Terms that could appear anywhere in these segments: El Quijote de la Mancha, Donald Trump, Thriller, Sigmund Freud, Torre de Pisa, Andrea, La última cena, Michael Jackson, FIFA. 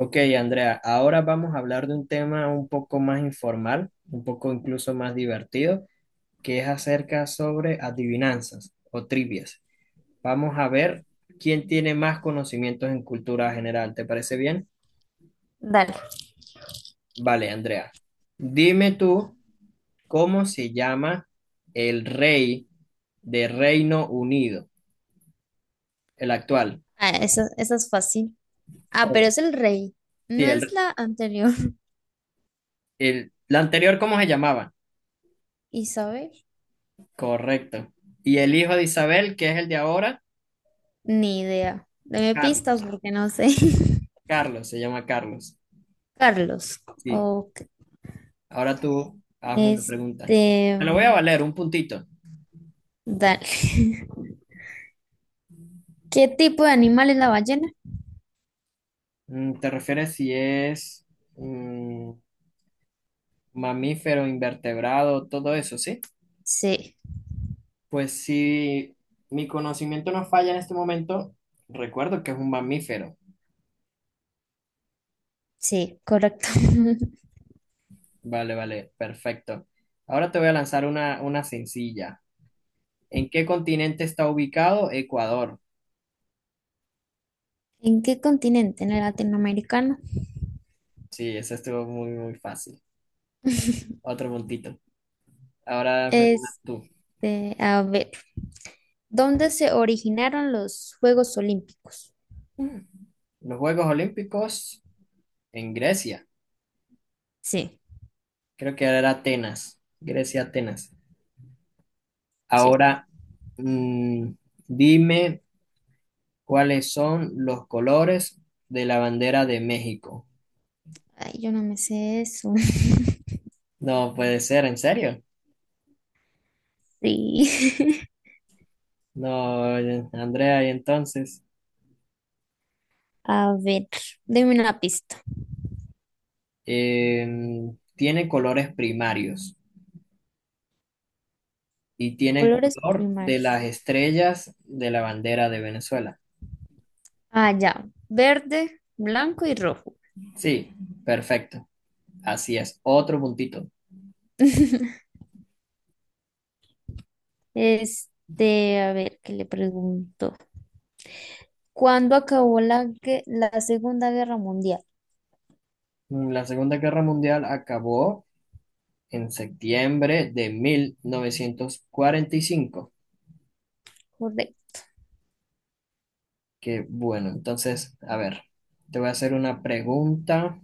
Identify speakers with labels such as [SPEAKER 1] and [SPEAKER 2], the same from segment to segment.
[SPEAKER 1] Ok, Andrea, ahora vamos a hablar de un tema un poco más informal, un poco incluso más divertido, que es acerca sobre adivinanzas o trivias. Vamos a ver quién tiene más conocimientos en cultura general. ¿Te parece bien?
[SPEAKER 2] Dale.
[SPEAKER 1] Vale, Andrea. Dime tú, ¿cómo se llama el rey de Reino Unido? El actual.
[SPEAKER 2] Ah, esa es fácil. Ah, pero
[SPEAKER 1] ¿Cómo?
[SPEAKER 2] es el rey. No
[SPEAKER 1] Sí,
[SPEAKER 2] es la anterior.
[SPEAKER 1] el anterior, ¿cómo se llamaba?
[SPEAKER 2] Isabel.
[SPEAKER 1] Correcto. ¿Y el hijo de Isabel, que es el de ahora?
[SPEAKER 2] Ni idea. Deme pistas
[SPEAKER 1] Carlos,
[SPEAKER 2] porque no sé.
[SPEAKER 1] Se llama Carlos.
[SPEAKER 2] Carlos.
[SPEAKER 1] Sí,
[SPEAKER 2] Ok.
[SPEAKER 1] ahora tú hazme una pregunta.
[SPEAKER 2] Este.
[SPEAKER 1] Te lo voy a
[SPEAKER 2] mm,
[SPEAKER 1] valer, un puntito.
[SPEAKER 2] Dale. ¿Qué tipo de animal es la ballena?
[SPEAKER 1] ¿Te refieres si es mm, mamífero, invertebrado, todo eso, sí?
[SPEAKER 2] Sí,
[SPEAKER 1] Pues si mi conocimiento no falla en este momento, recuerdo que es un mamífero.
[SPEAKER 2] sí, correcto.
[SPEAKER 1] Vale, vale, perfecto. Ahora te voy a lanzar una sencilla. ¿En qué continente está ubicado Ecuador?
[SPEAKER 2] ¿En qué continente? ¿En el latinoamericano?
[SPEAKER 1] Sí, eso estuvo muy, muy fácil. Otro puntito. Ahora hazme tú.
[SPEAKER 2] Este, a ver, ¿dónde se originaron los Juegos Olímpicos?
[SPEAKER 1] Los Juegos Olímpicos en Grecia.
[SPEAKER 2] Sí,
[SPEAKER 1] Creo que era Atenas. Grecia, Atenas.
[SPEAKER 2] sí.
[SPEAKER 1] Ahora, mm, dime cuáles son los colores de la bandera de México.
[SPEAKER 2] Ay, yo no me sé eso.
[SPEAKER 1] No puede ser, ¿en serio?
[SPEAKER 2] Sí.
[SPEAKER 1] No, Andrea, y entonces,
[SPEAKER 2] A ver, deme una pista.
[SPEAKER 1] tiene colores primarios y tiene el
[SPEAKER 2] Colores
[SPEAKER 1] color de las
[SPEAKER 2] primarios.
[SPEAKER 1] estrellas de la bandera de Venezuela.
[SPEAKER 2] Ah, ya. Verde, blanco y rojo.
[SPEAKER 1] Sí, perfecto. Así es. Otro puntito.
[SPEAKER 2] Este, a ver, ¿qué le pregunto? ¿Cuándo acabó la Segunda Guerra Mundial?
[SPEAKER 1] La Segunda Guerra Mundial acabó en septiembre de 1945.
[SPEAKER 2] Correcto.
[SPEAKER 1] Que bueno, entonces, a ver, te voy a hacer una pregunta.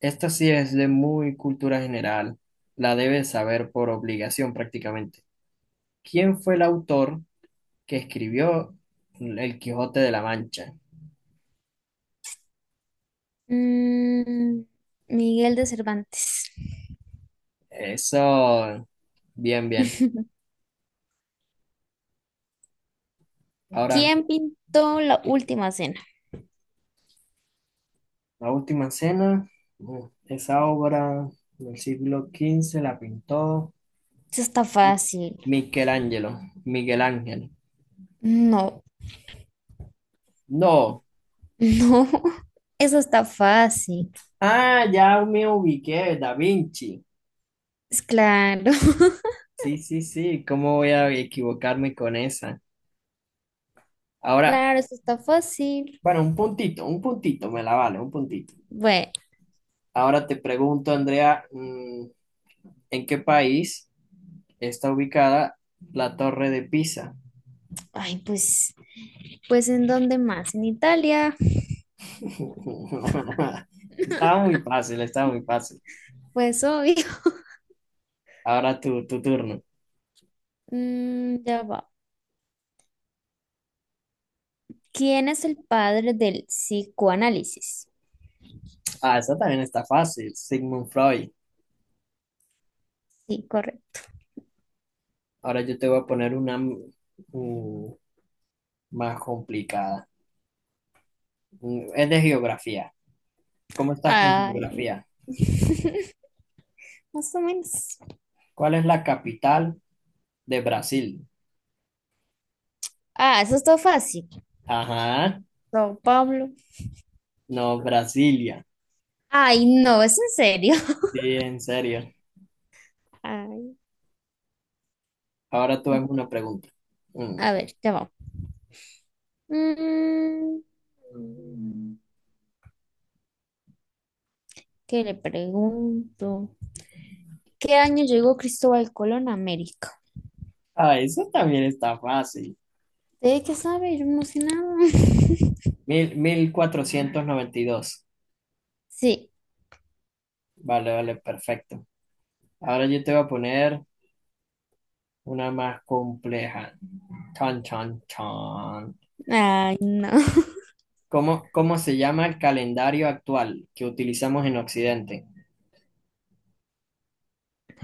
[SPEAKER 1] Esta sí es de muy cultura general, la debes saber por obligación prácticamente. ¿Quién fue el autor que escribió El Quijote de la Mancha?
[SPEAKER 2] Mm, Miguel de Cervantes.
[SPEAKER 1] Eso, bien, bien. Ahora,
[SPEAKER 2] ¿Quién pintó la última cena?
[SPEAKER 1] la última cena, bueno, esa obra del siglo XV la pintó
[SPEAKER 2] Eso está
[SPEAKER 1] Mi-
[SPEAKER 2] fácil.
[SPEAKER 1] Michelangelo, Miguel Ángel.
[SPEAKER 2] No,
[SPEAKER 1] No,
[SPEAKER 2] no, eso está fácil.
[SPEAKER 1] ah, ya me ubiqué, Da Vinci.
[SPEAKER 2] Es claro.
[SPEAKER 1] Sí, sí, sí, ¿cómo voy a equivocarme con esa? Ahora,
[SPEAKER 2] Claro, eso está fácil.
[SPEAKER 1] bueno, un puntito, me la vale, un puntito.
[SPEAKER 2] Bueno,
[SPEAKER 1] Ahora te pregunto, Andrea, ¿en qué país está ubicada la Torre de Pisa?
[SPEAKER 2] ay, pues ¿en dónde más? En Italia,
[SPEAKER 1] Estaba muy fácil, estaba muy fácil.
[SPEAKER 2] pues obvio.
[SPEAKER 1] Ahora tu turno.
[SPEAKER 2] Ya va. ¿Quién es el padre del psicoanálisis?
[SPEAKER 1] Ah, esa también está fácil, Sigmund Freud.
[SPEAKER 2] Sí, correcto.
[SPEAKER 1] Ahora yo te voy a poner una más complicada. Es de geografía. ¿Cómo estás con
[SPEAKER 2] Ay,
[SPEAKER 1] geografía?
[SPEAKER 2] más o menos.
[SPEAKER 1] ¿Cuál es la capital de Brasil?
[SPEAKER 2] Ah, eso está fácil.
[SPEAKER 1] Ajá,
[SPEAKER 2] Don Pablo.
[SPEAKER 1] no, Brasilia.
[SPEAKER 2] Ay, no, es en serio.
[SPEAKER 1] Sí, en serio.
[SPEAKER 2] Ay,
[SPEAKER 1] Ahora tú hazme una pregunta. Mm.
[SPEAKER 2] a ver, ya va. Mm, ¿Qué le pregunto? ¿Qué año llegó Cristóbal Colón a América?
[SPEAKER 1] Ah, eso también está fácil.
[SPEAKER 2] ¿De qué sabe? Yo no sé nada.
[SPEAKER 1] Mil, 1492.
[SPEAKER 2] Sí.
[SPEAKER 1] Vale, vale, perfecto. Ahora yo te voy a poner una más compleja. Chan, chan, chan.
[SPEAKER 2] Ay, no.
[SPEAKER 1] ¿ cómo se llama el calendario actual que utilizamos en Occidente?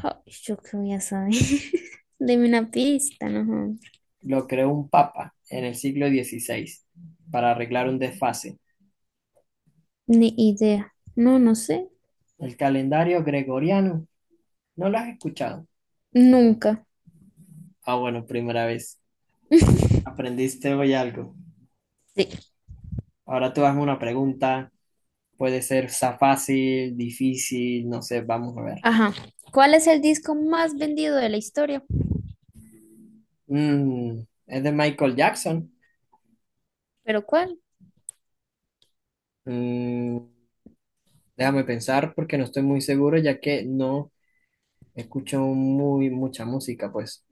[SPEAKER 2] Ay, yo qué voy a saber. Deme una pista, no.
[SPEAKER 1] Lo creó un papa en el siglo 16 para arreglar un desfase.
[SPEAKER 2] Ni idea. No, no sé.
[SPEAKER 1] El calendario gregoriano. ¿No lo has escuchado?
[SPEAKER 2] Nunca.
[SPEAKER 1] Ah, bueno, primera vez. Aprendiste hoy algo.
[SPEAKER 2] Sí.
[SPEAKER 1] Ahora tú hazme una pregunta. Puede ser fácil, difícil, no sé, vamos a ver.
[SPEAKER 2] Ajá. ¿Cuál es el disco más vendido de la historia?
[SPEAKER 1] Mm, es de Michael Jackson.
[SPEAKER 2] ¿Pero cuál?
[SPEAKER 1] Mm, Déjame pensar porque no estoy muy seguro ya que no escucho muy mucha música, pues.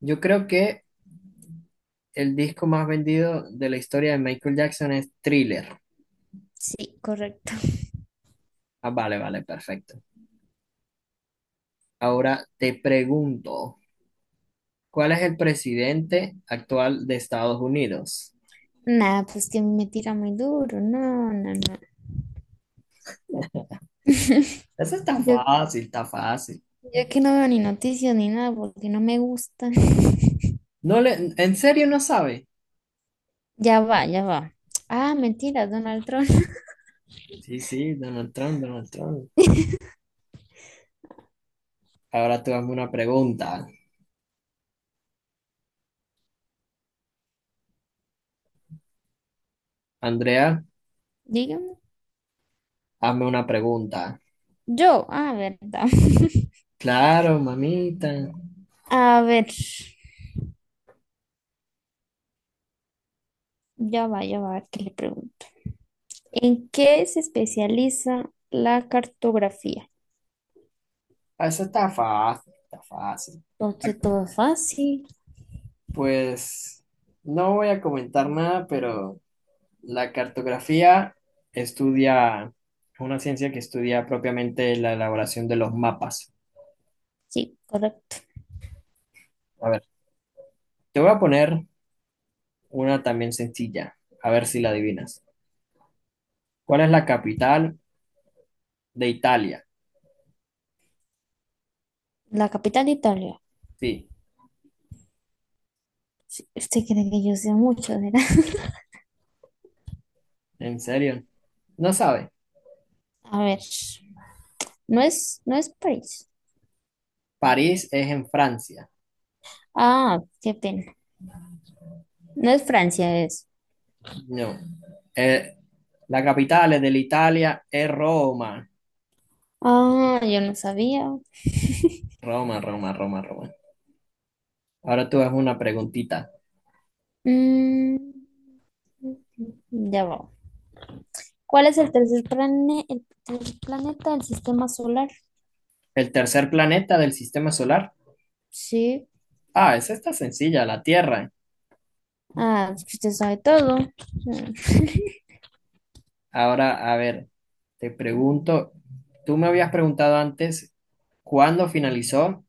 [SPEAKER 1] Yo creo que el disco más vendido de la historia de Michael Jackson es Thriller.
[SPEAKER 2] Sí, correcto.
[SPEAKER 1] Ah, vale, vale, perfecto. Ahora te pregunto, ¿cuál es el presidente actual de Estados Unidos?
[SPEAKER 2] Nada, pues que me tira muy duro. No, no, no.
[SPEAKER 1] Eso está
[SPEAKER 2] Yo,
[SPEAKER 1] fácil, está fácil.
[SPEAKER 2] yo que no veo ni noticias ni nada porque no me gustan.
[SPEAKER 1] No le, ¿en serio no sabe?
[SPEAKER 2] Ya va, ya va. Ah, mentira, Donald Trump.
[SPEAKER 1] Sí, sí, Donald Trump, Donald Trump. Ahora tú hazme una pregunta. Andrea,
[SPEAKER 2] Dígame.
[SPEAKER 1] hazme una pregunta.
[SPEAKER 2] Yo, verdad.
[SPEAKER 1] Claro, mamita.
[SPEAKER 2] A ver, ya va, a ver qué le pregunto. ¿En qué se especializa la cartografía?
[SPEAKER 1] Ah, eso está fácil, está fácil.
[SPEAKER 2] Entonces, todo fácil.
[SPEAKER 1] Pues no voy a comentar nada, pero la cartografía estudia, es una ciencia que estudia propiamente la elaboración de los mapas.
[SPEAKER 2] Sí, correcto.
[SPEAKER 1] A ver, te voy a poner una también sencilla, a ver si la adivinas. ¿Cuál es la capital de Italia?
[SPEAKER 2] La capital de Italia.
[SPEAKER 1] Sí,
[SPEAKER 2] Usted cree que yo sé mucho, ¿verdad?
[SPEAKER 1] ¿en serio? No sabe.
[SPEAKER 2] A ver, no es París.
[SPEAKER 1] París es en Francia.
[SPEAKER 2] Ah, qué pena. No es Francia, es.
[SPEAKER 1] No. Eh, la capital de la Italia es Roma.
[SPEAKER 2] Ah, yo no sabía.
[SPEAKER 1] Roma, Roma, Roma, Roma. Ahora tú haz una preguntita.
[SPEAKER 2] Mm, ya va. ¿Cuál es el tercer plane- el tercer planeta del sistema solar?
[SPEAKER 1] ¿El tercer planeta del sistema solar?
[SPEAKER 2] Sí.
[SPEAKER 1] Ah, esa está sencilla, la Tierra.
[SPEAKER 2] Ah, es que usted sabe todo. Mm.
[SPEAKER 1] Ahora, a ver, te pregunto, tú me habías preguntado antes cuándo finalizó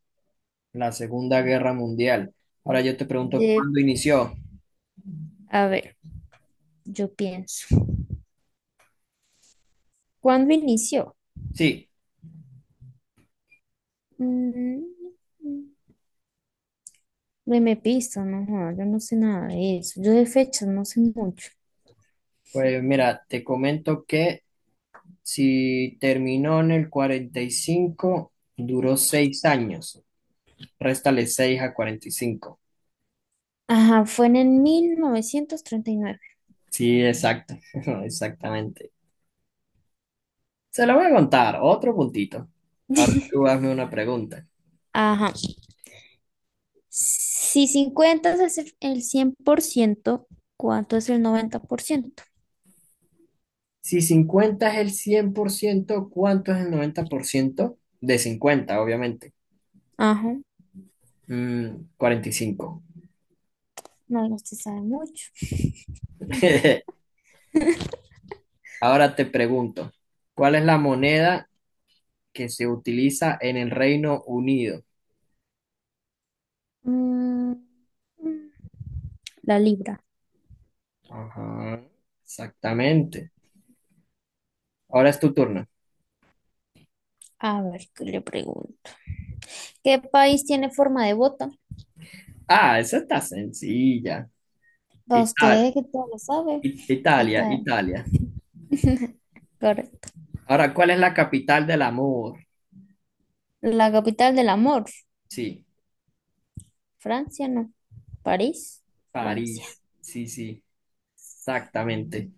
[SPEAKER 1] la Segunda Guerra Mundial. Ahora yo te pregunto
[SPEAKER 2] Sí.
[SPEAKER 1] cuándo inició.
[SPEAKER 2] A ver, yo pienso. ¿Cuándo inició?
[SPEAKER 1] Sí,
[SPEAKER 2] Mm, Deme pista, no, joda, yo no sé nada de eso. Yo de fechas no sé mucho.
[SPEAKER 1] pues mira, te comento que si terminó en el 45 duró 6 años. Réstale 6 a 45.
[SPEAKER 2] Ajá, fue en el 1939.
[SPEAKER 1] Sí, exacto, exactamente. Se lo voy a contar, otro puntito. Ahora tú hazme una pregunta.
[SPEAKER 2] Ajá. Si 50 es el 100%, ¿cuánto es el 90%?
[SPEAKER 1] Si 50 es el 100%, ¿cuánto es el 90% de 50 obviamente?
[SPEAKER 2] Ajá,
[SPEAKER 1] 45.
[SPEAKER 2] no, usted sabe mucho.
[SPEAKER 1] Ahora te pregunto, ¿cuál es la moneda que se utiliza en el Reino Unido?
[SPEAKER 2] Mm, mm, La libra.
[SPEAKER 1] Ajá, exactamente. Ahora es tu turno.
[SPEAKER 2] A ver, ¿qué le pregunto? ¿Qué país tiene forma de bota?
[SPEAKER 1] Ah, esa está sencilla.
[SPEAKER 2] Para
[SPEAKER 1] Ita-
[SPEAKER 2] usted que todo lo sabe y
[SPEAKER 1] Italia,
[SPEAKER 2] tal.
[SPEAKER 1] Italia.
[SPEAKER 2] Correcto.
[SPEAKER 1] Ahora, ¿cuál es la capital del amor?
[SPEAKER 2] La capital del amor.
[SPEAKER 1] Sí,
[SPEAKER 2] Francia, no. París, Francia.
[SPEAKER 1] París. Sí, sí, exactamente.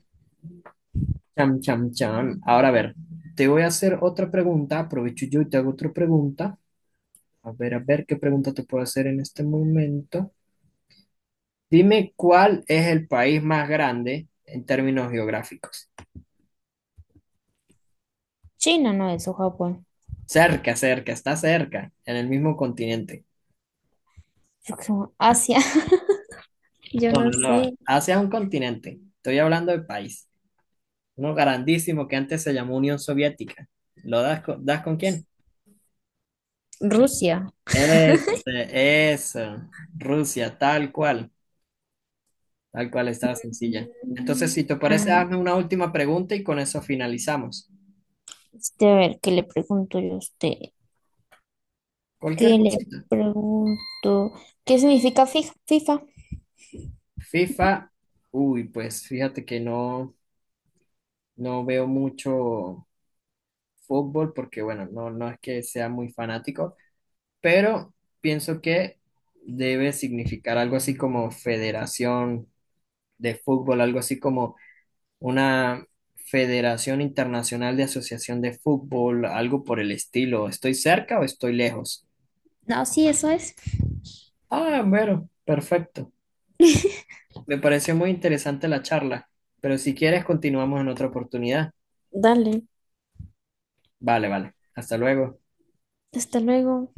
[SPEAKER 1] Cham, cham, cham. Ahora, a ver, te voy a hacer otra pregunta. Aprovecho yo y te hago otra pregunta. A ver qué pregunta te puedo hacer en este momento. Dime cuál es el país más grande en términos geográficos.
[SPEAKER 2] China, no, eso, Japón.
[SPEAKER 1] Cerca, cerca, está cerca, en el mismo continente.
[SPEAKER 2] Yo creo, Asia. Yo
[SPEAKER 1] No,
[SPEAKER 2] no
[SPEAKER 1] no, no,
[SPEAKER 2] sé.
[SPEAKER 1] Asia es un continente. Estoy hablando de país. Uno grandísimo que antes se llamó Unión Soviética. ¿Lo das con quién?
[SPEAKER 2] Rusia.
[SPEAKER 1] Este, eso. Rusia, tal cual. Tal cual está sencilla. Entonces, si
[SPEAKER 2] Mm,
[SPEAKER 1] te parece,
[SPEAKER 2] Ah,
[SPEAKER 1] hazme una última pregunta y con eso finalizamos.
[SPEAKER 2] a ver, ¿qué le pregunto yo a usted?
[SPEAKER 1] Cualquier
[SPEAKER 2] ¿Qué le
[SPEAKER 1] cosita.
[SPEAKER 2] pregunto? ¿Qué significa FIFA?
[SPEAKER 1] FIFA, uy, pues fíjate que no. No veo mucho fútbol porque, bueno, no, no es que sea muy fanático, pero pienso que debe significar algo así como federación de fútbol, algo así como una federación internacional de asociación de fútbol, algo por el estilo. ¿Estoy cerca o estoy lejos?
[SPEAKER 2] No, sí, eso es.
[SPEAKER 1] Ah, bueno, perfecto. Me pareció muy interesante la charla, pero si quieres continuamos en otra oportunidad.
[SPEAKER 2] Dale,
[SPEAKER 1] Vale, vale. Hasta luego.
[SPEAKER 2] hasta luego.